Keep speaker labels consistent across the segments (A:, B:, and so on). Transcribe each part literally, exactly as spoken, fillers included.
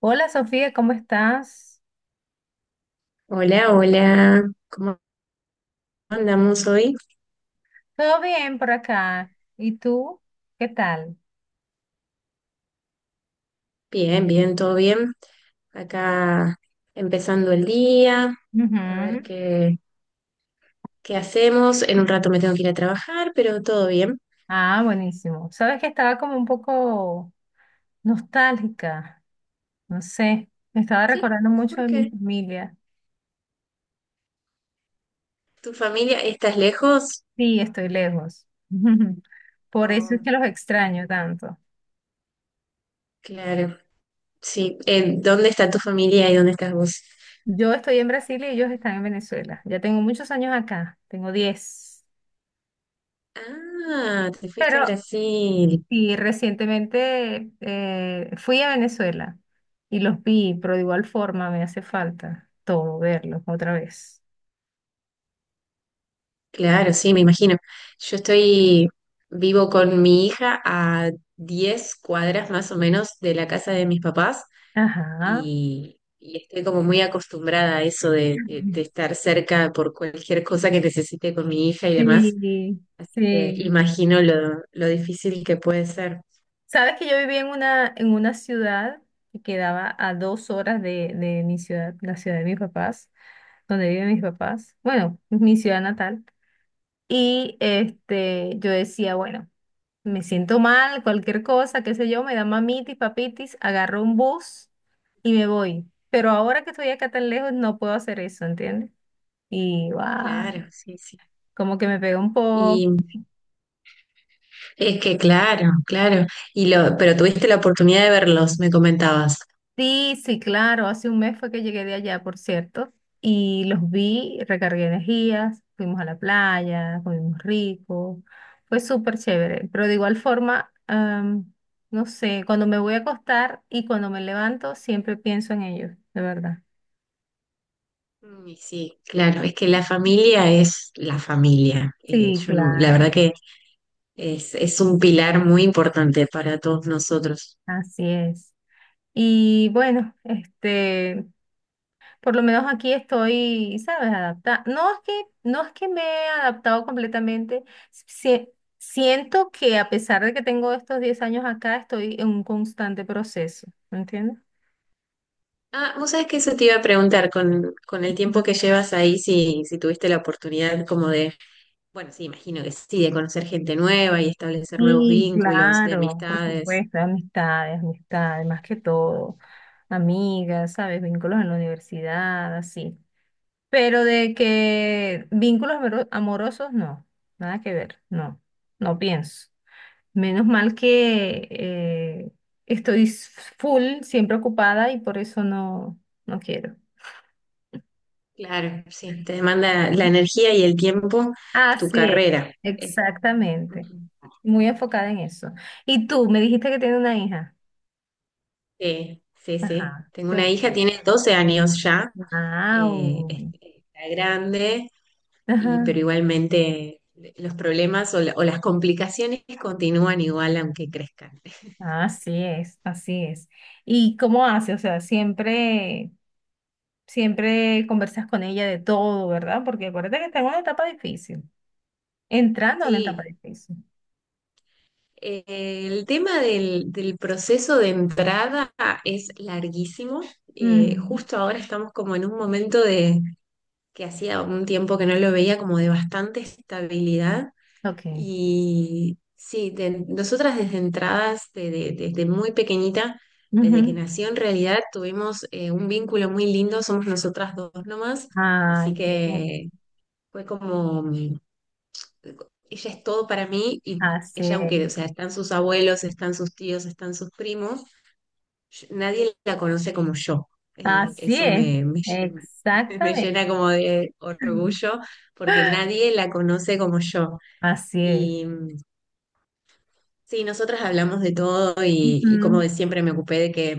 A: Hola Sofía, ¿cómo estás?
B: Hola, hola, ¿cómo andamos hoy?
A: Todo bien por acá. ¿Y tú? ¿Qué tal?
B: Bien, bien, todo bien. Acá empezando el día, a ver
A: Ujú.
B: qué, qué hacemos. En un rato me tengo que ir a trabajar, pero todo bien.
A: Ah, buenísimo. Sabes que estaba como un poco nostálgica, no sé, me estaba
B: ¿Sí?
A: recordando mucho
B: ¿Por
A: de mi
B: qué?
A: familia.
B: ¿Tu familia estás lejos?
A: Sí, estoy lejos. Por eso es
B: Oh,
A: que los
B: mm,
A: extraño tanto.
B: claro, sí. Eh, ¿dónde está tu familia y dónde estás vos?
A: Yo estoy en Brasil y ellos están en Venezuela. Ya tengo muchos años acá, tengo diez.
B: Ah, te fuiste a
A: Pero
B: Brasil.
A: Y recientemente eh, fui a Venezuela y los vi, pero de igual forma me hace falta todo verlos otra vez.
B: Claro, sí, me imagino. Yo estoy vivo con mi hija a diez cuadras más o menos de la casa de mis papás
A: Ajá.
B: y, y estoy como muy acostumbrada a eso de, de- de estar cerca por cualquier cosa que necesite con mi hija y demás.
A: Sí,
B: Así que
A: sí.
B: imagino lo, lo difícil que puede ser.
A: Sabes que yo vivía en una, en una ciudad que quedaba a dos horas de, de mi ciudad, la ciudad de mis papás, donde viven mis papás, bueno, mi ciudad natal. Y este, yo decía, bueno. me siento mal, cualquier cosa, qué sé yo, me da mamitis, papitis, agarro un bus y me voy. Pero ahora que estoy acá tan lejos no puedo hacer eso, ¿entiendes? Y guau,
B: Claro, sí, sí.
A: como que me pega un poco.
B: Y es que claro, claro. Y lo, pero tuviste la oportunidad de verlos, me comentabas.
A: Sí, sí, claro, hace un mes fue que llegué de allá, por cierto, y los vi, recargué energías, fuimos a la playa, comimos rico, fue súper chévere, pero de igual forma, am, no sé, cuando me voy a acostar y cuando me levanto siempre pienso en ellos, de verdad.
B: Mm, y sí, claro, es que la familia es la familia. Eh,
A: Sí,
B: yo no- La
A: claro,
B: verdad que es, es un pilar muy importante para todos nosotros.
A: así es. Y bueno, este, por lo menos aquí estoy, ¿sabes? Adaptada. No es que, no es que me he adaptado completamente. Sie- siento que a pesar de que tengo estos diez años acá, estoy en un constante proceso, ¿me entiendes?
B: Ah, vos sabés que eso te iba a preguntar con, con el tiempo que
A: Ujú.
B: llevas ahí, si, si tuviste la oportunidad como de, bueno, sí, imagino que sí, de conocer gente nueva y establecer nuevos
A: Sí,
B: vínculos, de
A: claro, por
B: amistades.
A: supuesto, amistades, amistades, más que todo, amigas, ¿sabes? Vínculos en la universidad, así. Pero de que vínculos amoro- amorosos, no, nada que ver, no, no pienso. Menos mal que eh, estoy s- full, siempre ocupada y por eso no, no quiero.
B: Claro, sí, te demanda la energía y el tiempo, tu
A: Así es,
B: carrera. Eh,
A: exactamente.
B: ujú.
A: Muy enfocada en eso. Y tú, me dijiste que tiene una hija.
B: Sí, sí, sí.
A: Ajá.
B: Tengo una
A: Bueno,
B: hija, tiene doce años ya. Eh, es-
A: wow.
B: está grande, y,
A: Ajá.
B: pero igualmente eh, los problemas o, la- o las complicaciones continúan igual aunque crezcan.
A: Así es, así es. ¿Y cómo hace? O sea, siempre. Siempre conversas con ella de todo, ¿verdad? Porque acuérdate que está en una etapa difícil, entrando en una etapa
B: Sí,
A: difícil.
B: eh, el tema del, del proceso de entrada es larguísimo. Eh,
A: Ujú.
B: justo ahora estamos como en un momento de que hacía un tiempo que no lo veía como de bastante estabilidad.
A: Ok.
B: Y sí, de- nosotras desde entradas, de- de- desde muy pequeñita, desde que
A: Ujú.
B: nació en realidad, tuvimos eh, un vínculo muy lindo, somos nosotras dos nomás, así
A: Ay, sí.
B: que fue como, mm, ella es todo para mí y
A: así
B: ella,
A: es.
B: aunque, o sea, están sus abuelos, están sus tíos, están sus primos, yo- nadie la conoce como yo. Eh,
A: Así
B: eso
A: es.
B: me, me lle- Me
A: Exactamente.
B: llena como de
A: Ujú.
B: orgullo porque nadie la conoce como yo.
A: Así es.
B: Sí, nosotras hablamos de todo y, y como
A: Ujú.
B: de siempre me ocupé de que,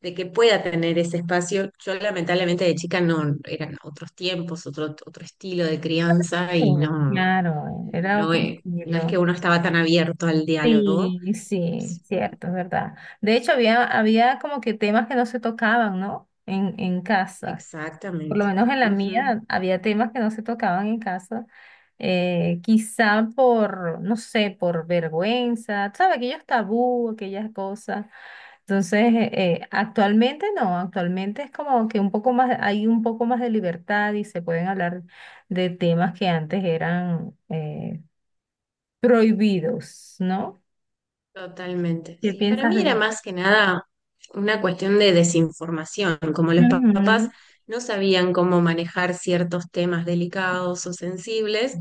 B: de que pueda tener ese espacio. Yo lamentablemente de chica no, eran otros tiempos, otro, otro estilo de crianza y
A: Oh,
B: no,
A: claro, era
B: no,
A: otro
B: e- no es que
A: estilo.
B: uno estaba tan abierto al diálogo.
A: Sí, sí, cierto, es verdad. De hecho, había, había como que temas que no se tocaban, ¿no? En, en casa. Por lo
B: Exactamente.
A: menos en la
B: Ujú,
A: mía había temas que no se tocaban en casa, eh, quizá por, no sé, por vergüenza, ¿sabes? Aquellos tabú, aquellas cosas. Entonces, eh, eh, actualmente no, actualmente es como que un poco más, hay un poco más de libertad y se pueden hablar de temas que antes eran eh, prohibidos, ¿no?
B: totalmente.
A: ¿Qué
B: Sí, para
A: piensas
B: mí
A: de
B: era
A: eso?
B: más que nada una cuestión de desinformación, como los papás
A: Ujú,
B: no sabían cómo manejar ciertos temas delicados o sensibles.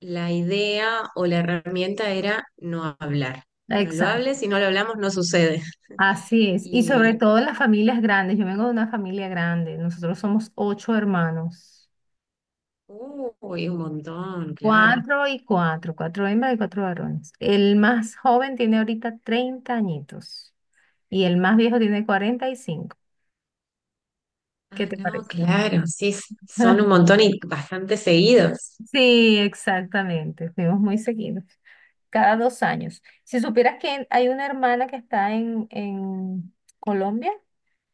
B: La idea o la herramienta era no hablar. No lo hables,
A: Exacto.
B: si no lo hablamos no sucede.
A: Así es, y sobre
B: Y,
A: todo en las familias grandes. Yo vengo de una familia grande, nosotros somos ocho hermanos,
B: uy, un montón, claro.
A: cuatro y cuatro, cuatro hembras y cuatro varones. El más joven tiene ahorita treinta añitos y el más viejo tiene cuarenta y cinco. ¿Qué
B: Ah,
A: te
B: no,
A: parece?
B: claro, sí, son un montón y bastante seguidos.
A: Sí, exactamente, fuimos muy seguidos, cada dos años. Si supieras que hay una hermana que está en, en, Colombia,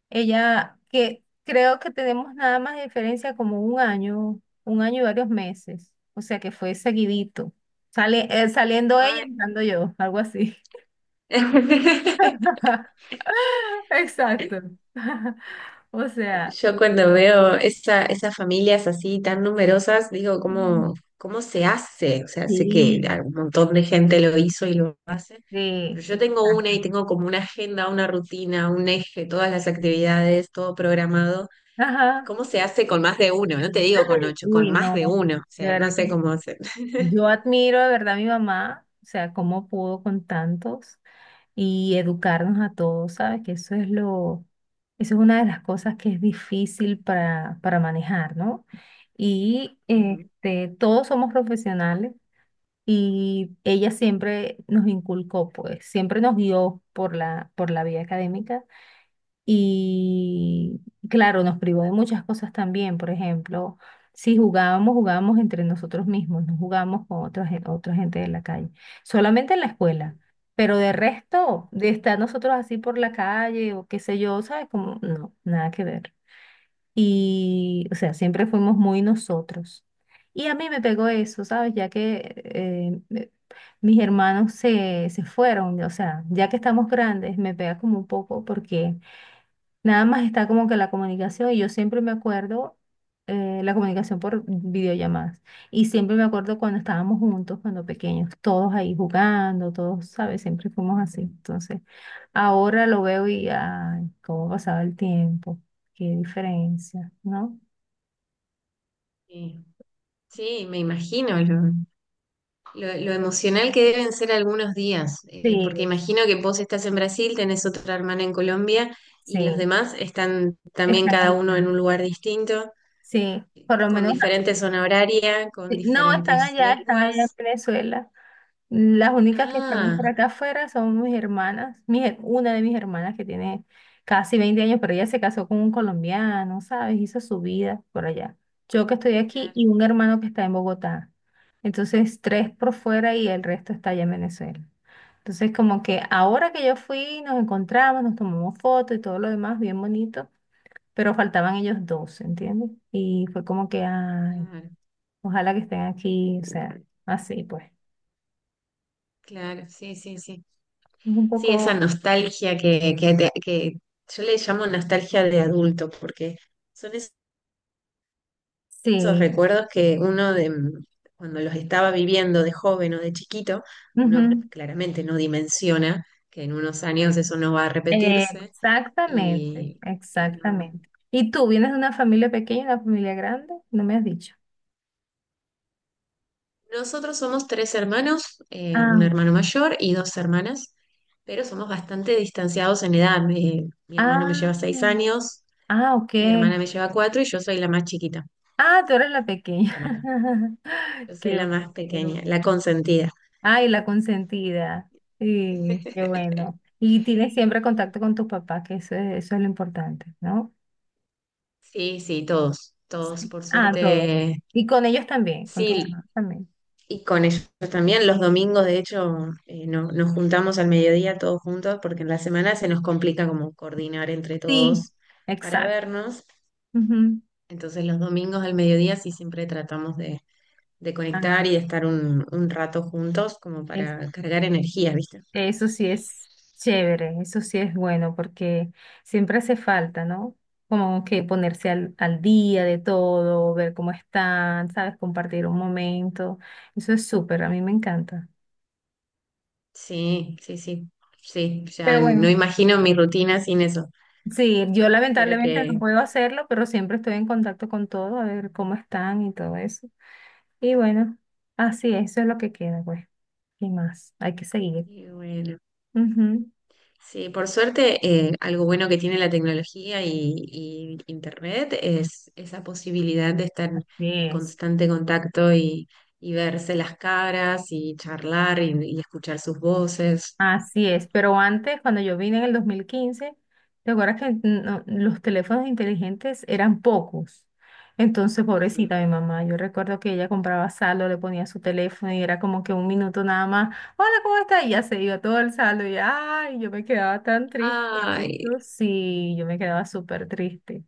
A: ella, que creo que tenemos nada más de diferencia como un año, un año y varios meses. O sea que fue seguidito. Sale, eh, saliendo ella,
B: Ay.
A: entrando yo, algo así. Exacto. O sea,
B: Yo cuando veo esa, esas familias así tan numerosas, digo,
A: Mm.
B: ¿cómo, cómo se hace? O sea, sé que
A: sí,
B: un montón de gente lo hizo y lo hace,
A: sí,
B: pero yo tengo una
A: exacto.
B: y tengo como una agenda, una rutina, un eje, todas las actividades, todo programado.
A: Ajá.
B: ¿Cómo se hace con más de uno? No te digo con ocho, con
A: Uy,
B: más de
A: no,
B: uno. O
A: de
B: sea, no
A: verdad.
B: sé cómo hacer.
A: Yo admiro de verdad a mi mamá, o sea, cómo pudo con tantos y educarnos a todos, ¿sabes? Que eso es lo, eso es una de las cosas que es difícil para, para manejar, ¿no? Y
B: Ujú.
A: este, todos somos profesionales y ella siempre nos inculcó, pues, siempre nos guió por la, por la vía académica y claro, nos privó de muchas cosas también. Por ejemplo, si jugábamos, jugábamos entre nosotros mismos, no jugábamos con otra, gen- otra gente de la calle, solamente en la escuela. Pero de resto, de estar nosotros así por la calle o qué sé yo, ¿sabes? Como, no, nada que ver. Y, o sea, siempre fuimos muy nosotros. Y a mí me pegó eso, ¿sabes? Ya que eh, me- mis hermanos se, se fueron, o sea, ya que estamos grandes, me pega como un poco porque Nada más está como que la comunicación y yo siempre me acuerdo eh, la comunicación por videollamadas. Y siempre me acuerdo cuando estábamos juntos, cuando pequeños, todos ahí jugando, todos, ¿sabes? Siempre fuimos así. Entonces, ahora lo veo y, ay, cómo pasaba el tiempo, qué diferencia, ¿no?
B: Sí, sí, me imagino, ¿no? Lo, lo emocional que deben ser algunos días, eh,
A: Sí,
B: porque imagino que vos estás en Brasil, tenés otra hermana en Colombia y los
A: sí,
B: demás están también
A: están
B: cada
A: allá.
B: uno en un lugar distinto,
A: Sí, por lo
B: con
A: menos
B: diferente zona horaria, con
A: Sí, No, están
B: diferentes
A: allá, están allá en
B: lenguas.
A: Venezuela. Las únicas que estamos por
B: Ah,
A: acá afuera son mis hermanas, mi her- una de mis hermanas que tiene casi veinte años, pero ella se casó con un colombiano, ¿sabes? Hizo su vida por allá. Yo que estoy aquí
B: claro,
A: y un hermano que está en Bogotá. Entonces, tres por fuera y el resto está allá en Venezuela. Entonces, como que ahora que yo fui, nos encontramos, nos tomamos fotos y todo lo demás, bien bonito, pero faltaban ellos dos, ¿entiendes? Y fue como que, ay.
B: claro,
A: Ojalá que estén aquí, o sea, así pues. Es
B: claro, sí, sí, sí.
A: un
B: Sí,
A: poco,
B: esa nostalgia que, que, te- que yo le llamo nostalgia de adulto, porque son esos
A: sí.
B: recuerdos que uno de mm, cuando los estaba viviendo de joven o de chiquito, uno
A: ujú.
B: claramente no dimensiona que en unos años eso no va a repetirse.
A: Exactamente,
B: Y, y no.
A: exactamente. ¿Y tú vienes de una familia pequeña, una familia grande? No me has dicho.
B: Nosotros somos tres hermanos, eh, un
A: Ah,
B: hermano mayor y dos hermanas, pero somos bastante distanciados en edad. Mi, mi hermano me lleva seis
A: ah,
B: años,
A: ah, ok.
B: mi hermana me lleva cuatro y yo soy la más chiquita,
A: Ah, tú eres la pequeña.
B: la más- yo soy
A: Qué
B: la
A: bueno.
B: más
A: qué bueno.
B: pequeña, la consentida.
A: Ay, la consentida. Sí, qué bueno. Y tienes siempre contacto con tus papás, que eso es, eso es lo importante, ¿no?
B: Sí, sí, todos, todos,
A: Sí.
B: por
A: Ah, todo.
B: suerte.
A: Y con ellos también, con tus
B: Sí,
A: hermanos también.
B: y con ellos también, los domingos, de hecho, eh, no- nos juntamos al mediodía todos juntos porque en la semana se nos complica como coordinar entre
A: Sí,
B: todos para
A: exacto.
B: vernos.
A: Ujú.
B: Entonces los domingos al mediodía sí siempre tratamos de, de conectar
A: Ah,
B: y de estar un, un rato juntos como
A: es-
B: para cargar energía, ¿viste?
A: eso sí es chévere, eso sí es bueno, porque siempre hace falta, ¿no? Como que ponerse al, al día de todo, ver cómo están, ¿sabes? Compartir un momento. Eso es súper, a mí me encanta.
B: Sí, sí, sí, sí,
A: Pero
B: ya no
A: bueno,
B: imagino mi rutina sin eso,
A: sí, yo
B: pero
A: lamentablemente no
B: que,
A: puedo hacerlo, pero siempre estoy en contacto con todo, a ver cómo están y todo eso. Y bueno, así es, eso es lo que queda, pues. ¿Qué más? Hay que seguir.
B: y bueno.
A: Ujú.
B: Sí, por suerte, eh, algo bueno que tiene la tecnología y, y Internet es esa posibilidad de estar
A: Así
B: en
A: es.
B: constante contacto y, y verse las caras y charlar y, y escuchar sus voces.
A: Así es, pero antes, cuando yo vine en el dos mil quince, ¿te acuerdas que no- los teléfonos inteligentes eran pocos? Entonces,
B: Ujú.
A: pobrecita mi mamá, yo recuerdo que ella compraba saldo, le ponía su teléfono y era como que un minuto nada más, hola, ¿cómo está? Y ya se iba todo el saldo y ay, yo me quedaba tan triste por
B: Ay,
A: eso. Sí, yo me quedaba súper triste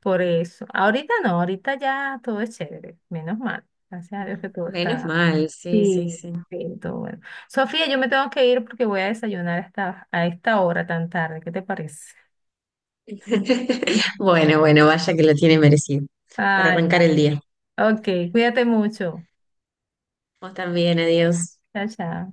A: por eso. Ahorita no, ahorita ya todo es chévere, menos mal. Gracias a Dios que todo
B: menos
A: está.
B: mal, sí, sí,
A: Sí,
B: sí.
A: sí, todo bueno. Sofía, yo me tengo que ir porque voy a desayunar hasta a esta hora tan tarde. ¿Qué te parece?
B: Bueno, bueno, vaya que lo tiene merecido para
A: Ay,
B: arrancar
A: vale.
B: el día.
A: Ok, cuídate mucho.
B: Vos también, adiós.
A: Chao, chao.